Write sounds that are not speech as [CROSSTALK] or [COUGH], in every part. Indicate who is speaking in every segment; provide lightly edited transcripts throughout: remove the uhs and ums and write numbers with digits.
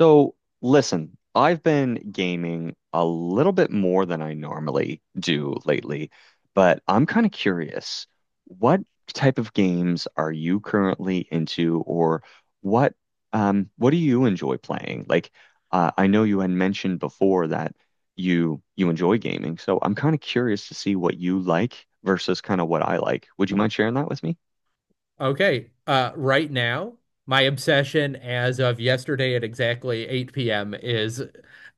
Speaker 1: So, listen, I've been gaming a little bit more than I normally do lately, but I'm kind of curious, what type of games are you currently into, or what what do you enjoy playing? Like, I know you had mentioned before that you enjoy gaming, so I'm kind of curious to see what you like versus kind of what I like. Would you mind sharing that with me?
Speaker 2: Okay. Right now, my obsession as of yesterday at exactly 8 p.m. is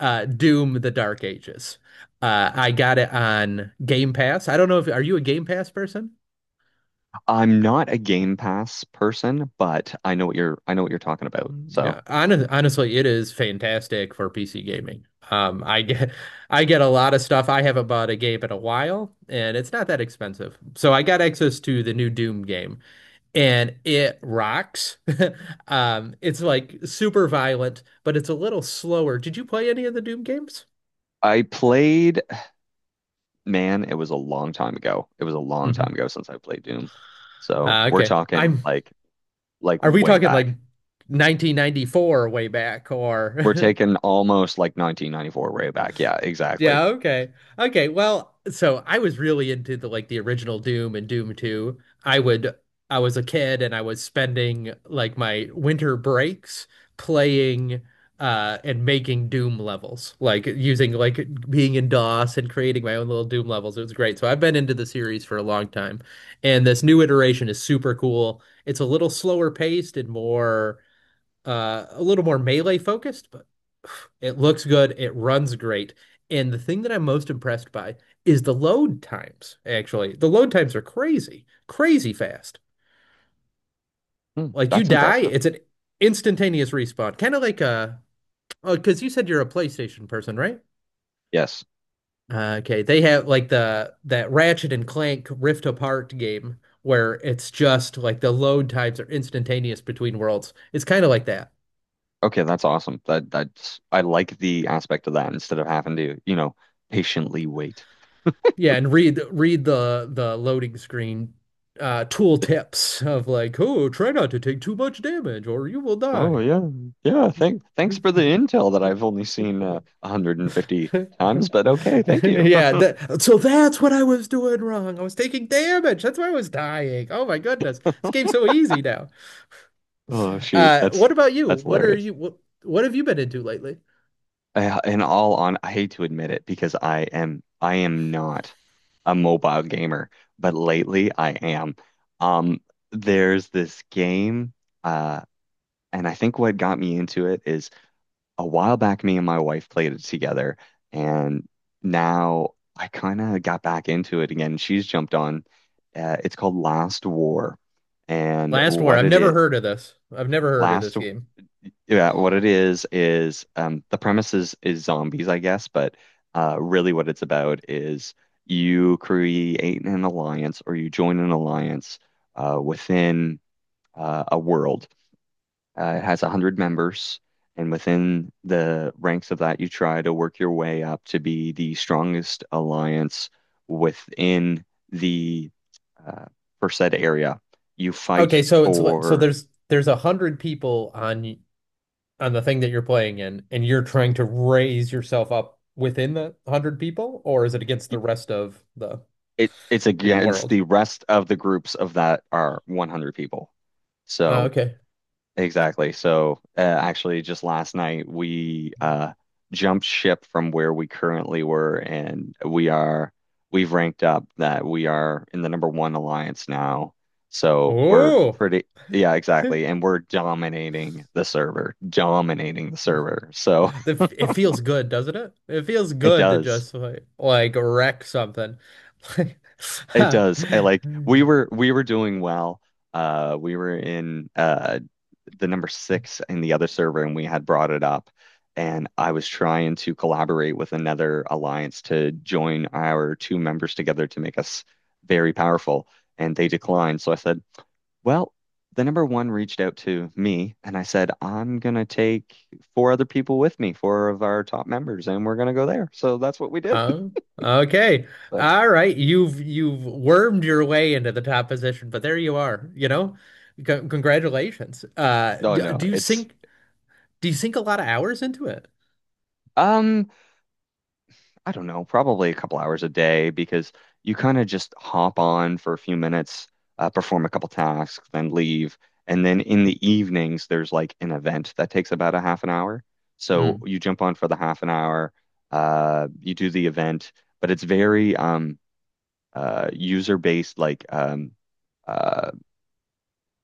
Speaker 2: Doom: The Dark Ages. I got it on Game Pass. I don't know if are you a Game Pass person?
Speaker 1: I'm not a Game Pass person, but I know what you're I know what you're talking about.
Speaker 2: Yeah,
Speaker 1: So.
Speaker 2: honestly, it is fantastic for PC gaming. Um, I get I get a lot of stuff. I haven't bought a game in a while, and it's not that expensive. So I got access to the new Doom game, and it rocks. [LAUGHS] It's like super violent, but it's a little slower. Did you play any of the Doom games?
Speaker 1: I played, man, it was a long time ago. It was a long time
Speaker 2: Hmm.
Speaker 1: ago since I played Doom. So we're
Speaker 2: Okay.
Speaker 1: talking like
Speaker 2: Are we
Speaker 1: way
Speaker 2: talking like
Speaker 1: back.
Speaker 2: 1994-way back
Speaker 1: We're
Speaker 2: or [LAUGHS]
Speaker 1: taking almost like 1994-way back. Yeah, exactly.
Speaker 2: yeah, okay. Okay, well, so I was really into the like the original Doom and Doom 2. I would I was a kid and I was spending like my winter breaks playing and making Doom levels. Like using like being in DOS and creating my own little Doom levels. It was great. So I've been into the series for a long time. And this new iteration is super cool. It's a little slower paced and more a little more melee focused, but it looks good. It runs great. And the thing that I'm most impressed by is the load times, actually. The load times are crazy, crazy fast.
Speaker 1: Hmm,
Speaker 2: Like you
Speaker 1: that's
Speaker 2: die,
Speaker 1: impressive.
Speaker 2: it's an instantaneous respawn. Kind of like a, oh, because you said you're a PlayStation person, right?
Speaker 1: Yes.
Speaker 2: Okay, they have like the that Ratchet and Clank Rift Apart game where it's just like the load times are instantaneous between worlds. It's kind of like that.
Speaker 1: Okay, that's awesome. That's I like the aspect of that instead of having to, you know, patiently wait.
Speaker 2: Yeah, and read the loading screen tool tips of like, oh, try not to take too much damage or you will
Speaker 1: Oh
Speaker 2: die.
Speaker 1: yeah. Yeah, thanks for the
Speaker 2: [LAUGHS]
Speaker 1: intel that I've only seen 150 times, but okay, thank you. [LAUGHS]
Speaker 2: Yeah, so that's what I was doing wrong. I was taking damage. That's why I was dying. Oh my goodness. This game's so easy now.
Speaker 1: Oh shoot, that's
Speaker 2: What about you?
Speaker 1: that's hilarious.
Speaker 2: What have you been into lately?
Speaker 1: I hate to admit it because I am not a mobile gamer, but lately I am. Um, there's this game, uh, and I think what got me into it is a while back, me and my wife played it together, and now I kind of got back into it again. She's jumped on. It's called Last War, and
Speaker 2: Last War.
Speaker 1: what
Speaker 2: I've
Speaker 1: it
Speaker 2: never
Speaker 1: is,
Speaker 2: heard of this. I've never heard of this
Speaker 1: Last
Speaker 2: game.
Speaker 1: yeah, what it is the premise is zombies, I guess, but really what it's about is you create an alliance or you join an alliance within a world. It has 100 members, and within the ranks of that, you try to work your way up to be the strongest alliance within the uh, per said area. You fight
Speaker 2: Okay, so it's so
Speaker 1: for.
Speaker 2: there's 100 people on the thing that you're playing in and you're trying to raise yourself up within the 100 people or is it against the rest of
Speaker 1: It's
Speaker 2: the
Speaker 1: against
Speaker 2: world?
Speaker 1: the rest of the groups of that are 100 people. So
Speaker 2: Okay.
Speaker 1: exactly. So actually, just last night we jumped ship from where we currently were, and we've ranked up that we are in the number one alliance now. So we're
Speaker 2: Oh.
Speaker 1: pretty. Yeah, exactly.
Speaker 2: [LAUGHS]
Speaker 1: And we're dominating the server, dominating the server. So
Speaker 2: The, it feels good, doesn't it? It feels
Speaker 1: [LAUGHS] it
Speaker 2: good to
Speaker 1: does.
Speaker 2: just like wreck something. [LAUGHS]
Speaker 1: It does. I like we were doing well. We were in the number six in the other server and we had brought it up and I was trying to collaborate with another alliance to join our two members together to make us very powerful and they declined. So I said, well, the number one reached out to me and I said, I'm gonna take four other people with me, four of our top members, and we're gonna go there. So that's what we did.
Speaker 2: Oh,
Speaker 1: [LAUGHS]
Speaker 2: okay.
Speaker 1: So,
Speaker 2: All right. You've wormed your way into the top position, but there you are, you know? C congratulations.
Speaker 1: no, no,
Speaker 2: Do you
Speaker 1: it's
Speaker 2: think do you sink a lot of hours into it?
Speaker 1: um I don't know, probably a couple hours a day because you kind of just hop on for a few minutes, perform a couple tasks, then leave. And then in the evenings, there's like an event that takes about a half an hour. So
Speaker 2: Mm.
Speaker 1: you jump on for the half an hour, you do the event, but it's very user-based, like uh,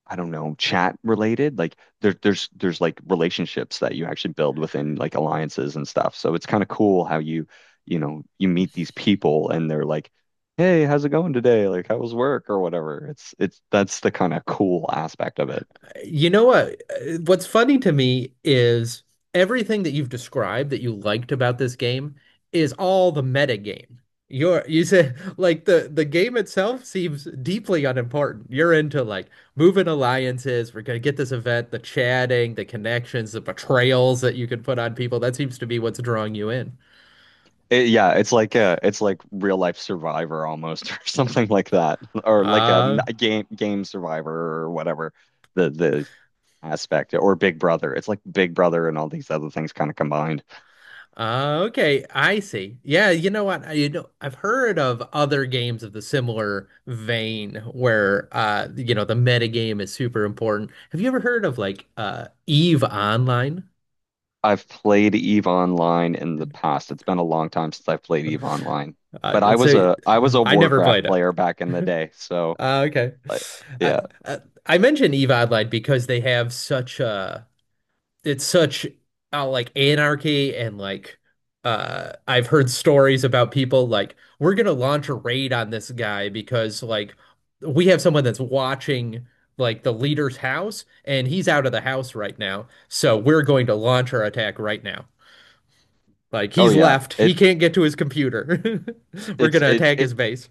Speaker 1: I don't know, chat related. Like there's like relationships that you actually build within like alliances and stuff. So it's kind of cool how you, you know, you meet these people and they're like, "Hey, how's it going today? Like, how was work or whatever." It's that's the kind of cool aspect of it.
Speaker 2: You know what? What's funny to me is everything that you've described that you liked about this game is all the meta game. You said [LAUGHS] like the game itself seems deeply unimportant. You're into like moving alliances. We're gonna get this event, the chatting, the connections, the betrayals that you can put on people. That seems to be what's drawing you in.
Speaker 1: Yeah, it's like real life Survivor almost, [LAUGHS] or something like that, or like a,
Speaker 2: Uh,
Speaker 1: a game Survivor or whatever the aspect or Big Brother. It's like Big Brother and all these other things kind of combined.
Speaker 2: Okay, I see. Yeah, you know what? You know, I've heard of other games of the similar vein where you know, the meta game is super important. Have you ever heard of like Eve Online?
Speaker 1: I've played Eve Online in the past. It's been a long time since I've
Speaker 2: [LAUGHS]
Speaker 1: played Eve Online. But I was
Speaker 2: So
Speaker 1: a I was a
Speaker 2: I never
Speaker 1: Warcraft
Speaker 2: played it.
Speaker 1: player back in the day. So
Speaker 2: Okay.
Speaker 1: like
Speaker 2: Uh,
Speaker 1: yeah.
Speaker 2: uh, I mentioned Eve Online because they have such a it's such like anarchy and like I've heard stories about people like we're gonna launch a raid on this guy because like we have someone that's watching like the leader's house and he's out of the house right now, so we're going to launch our attack right now. Like
Speaker 1: Oh
Speaker 2: he's
Speaker 1: yeah.
Speaker 2: left, he
Speaker 1: It
Speaker 2: can't get to his computer. [LAUGHS] We're
Speaker 1: it's
Speaker 2: gonna
Speaker 1: it,
Speaker 2: attack
Speaker 1: it
Speaker 2: his base.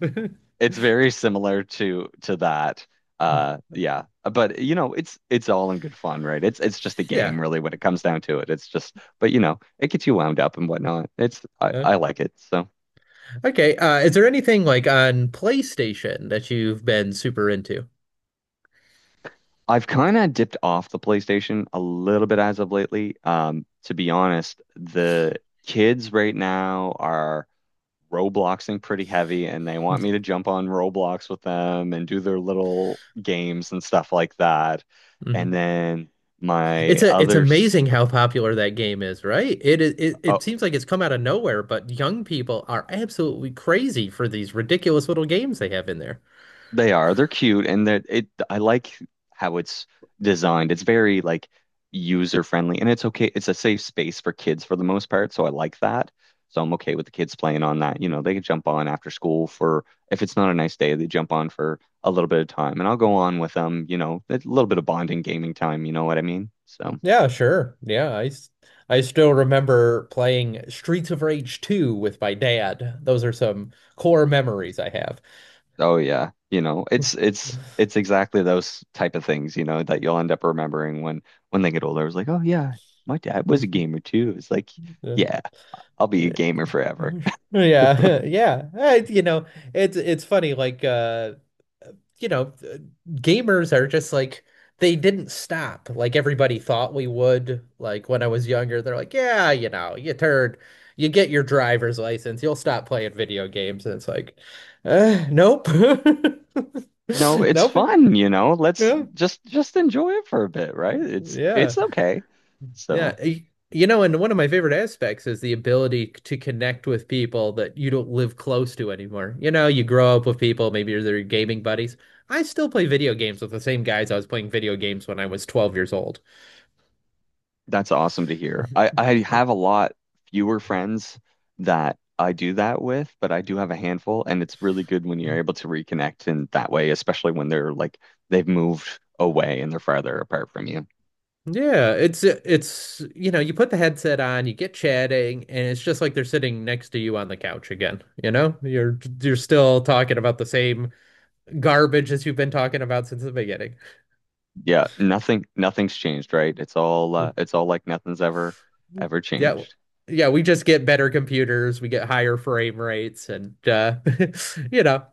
Speaker 1: it's very similar to that.
Speaker 2: [LAUGHS]
Speaker 1: Yeah. But you know, it's all in good fun, right? It's just a
Speaker 2: Yeah.
Speaker 1: game really when it comes down to it. It's just but you know, it gets you wound up and whatnot. It's
Speaker 2: Uh,
Speaker 1: I like it. So
Speaker 2: okay, is there anything like on PlayStation that you've been super into?
Speaker 1: I've kind of dipped off the PlayStation a little bit as of lately. To be honest, the kids right now are Robloxing pretty heavy, and they want me to
Speaker 2: [LAUGHS]
Speaker 1: jump on Roblox with them and do their little games and stuff like that. And
Speaker 2: Hmm.
Speaker 1: then
Speaker 2: It's
Speaker 1: my
Speaker 2: a it's
Speaker 1: other,
Speaker 2: amazing
Speaker 1: s-
Speaker 2: how popular that game is, right? It,
Speaker 1: uh,
Speaker 2: it seems like it's come out of nowhere, but young people are absolutely crazy for these ridiculous little games they have in there.
Speaker 1: they are. They're cute, and that it. I like how it's designed. It's very like user friendly, and it's okay. It's a safe space for kids for the most part, so I like that. So I'm okay with the kids playing on that. You know, they can jump on after school for if it's not a nice day, they jump on for a little bit of time, and I'll go on with them. You know, a little bit of bonding gaming time. You know what I mean? So.
Speaker 2: Yeah, sure. I still remember playing Streets of Rage 2 with my dad. Those are some core memories I have.
Speaker 1: Oh yeah, you know, it's exactly those type of things, you know, that you'll end up remembering when they get older. It was like, oh yeah, my dad was a
Speaker 2: [LAUGHS]
Speaker 1: gamer too. It's like,
Speaker 2: Yeah.
Speaker 1: yeah, I'll be a
Speaker 2: [LAUGHS]
Speaker 1: gamer forever. [LAUGHS]
Speaker 2: Yeah, [LAUGHS] yeah. You know, it's funny. Like, you know, gamers are just like they didn't stop like everybody thought we would. Like when I was younger, they're like, yeah, you know, you get your driver's license, you'll stop playing video games, and it's like, nope, [LAUGHS]
Speaker 1: No, it's
Speaker 2: nope,
Speaker 1: fun, you know. Let's
Speaker 2: yeah,
Speaker 1: just enjoy it for a bit, right?
Speaker 2: yeah.
Speaker 1: It's okay.
Speaker 2: Yeah,
Speaker 1: So.
Speaker 2: y- you know, and one of my favorite aspects is the ability to connect with people that you don't live close to anymore. You know, you grow up with people, maybe you're their gaming buddies. I still play video games with the same guys I was playing video games when I was 12 years old. [LAUGHS]
Speaker 1: That's awesome to hear. I have a lot fewer friends that I do that with, but I do have a handful, and it's really good when you're able to reconnect in that way, especially when they're like they've moved away and they're farther apart from you.
Speaker 2: Yeah, it's you know, you put the headset on, you get chatting, and it's just like they're sitting next to you on the couch again, you know? You're still talking about the same garbage as you've been talking about since the beginning.
Speaker 1: Yeah, nothing nothing's changed, right? It's all like nothing's ever
Speaker 2: Yeah,
Speaker 1: changed.
Speaker 2: yeah, we just get better computers, we get higher frame rates, and [LAUGHS] you know,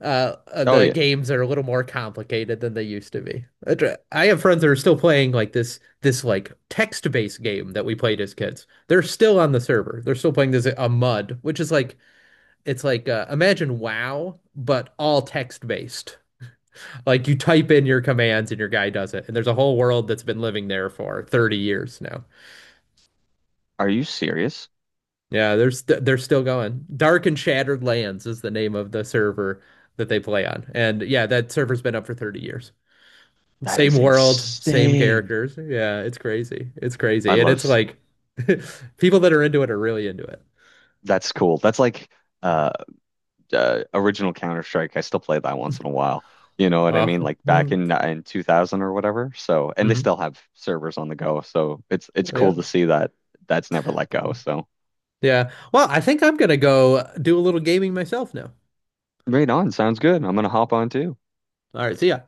Speaker 1: Oh
Speaker 2: the
Speaker 1: yeah.
Speaker 2: games are a little more complicated than they used to be. I have friends that are still playing like this like text-based game that we played as kids. They're still on the server. They're still playing this a MUD, which is like it's like imagine WoW, but all text-based. Like you type in your commands and your guy does it, and there's a whole world that's been living there for 30 years now.
Speaker 1: Are you serious?
Speaker 2: Yeah, they're still going. Dark and Shattered Lands is the name of the server that they play on. And yeah, that server's been up for 30 years.
Speaker 1: That
Speaker 2: Same
Speaker 1: is
Speaker 2: world, same
Speaker 1: insane.
Speaker 2: characters. Yeah, it's crazy. It's
Speaker 1: I
Speaker 2: crazy. And
Speaker 1: love
Speaker 2: it's
Speaker 1: s-
Speaker 2: like [LAUGHS] people that are into it are really into it.
Speaker 1: that's cool. That's like uh original Counter Strike. I still play that once in a while. You know what I
Speaker 2: Oh,
Speaker 1: mean? Like back
Speaker 2: mm-hmm.
Speaker 1: in 2000 or whatever. So, and they still have servers on the go. So it's cool
Speaker 2: Yeah.
Speaker 1: to see that that's never let go. So,
Speaker 2: Yeah. Well, I think I'm gonna go do a little gaming myself now.
Speaker 1: right on. Sounds good. I'm gonna hop on too.
Speaker 2: All right, see ya.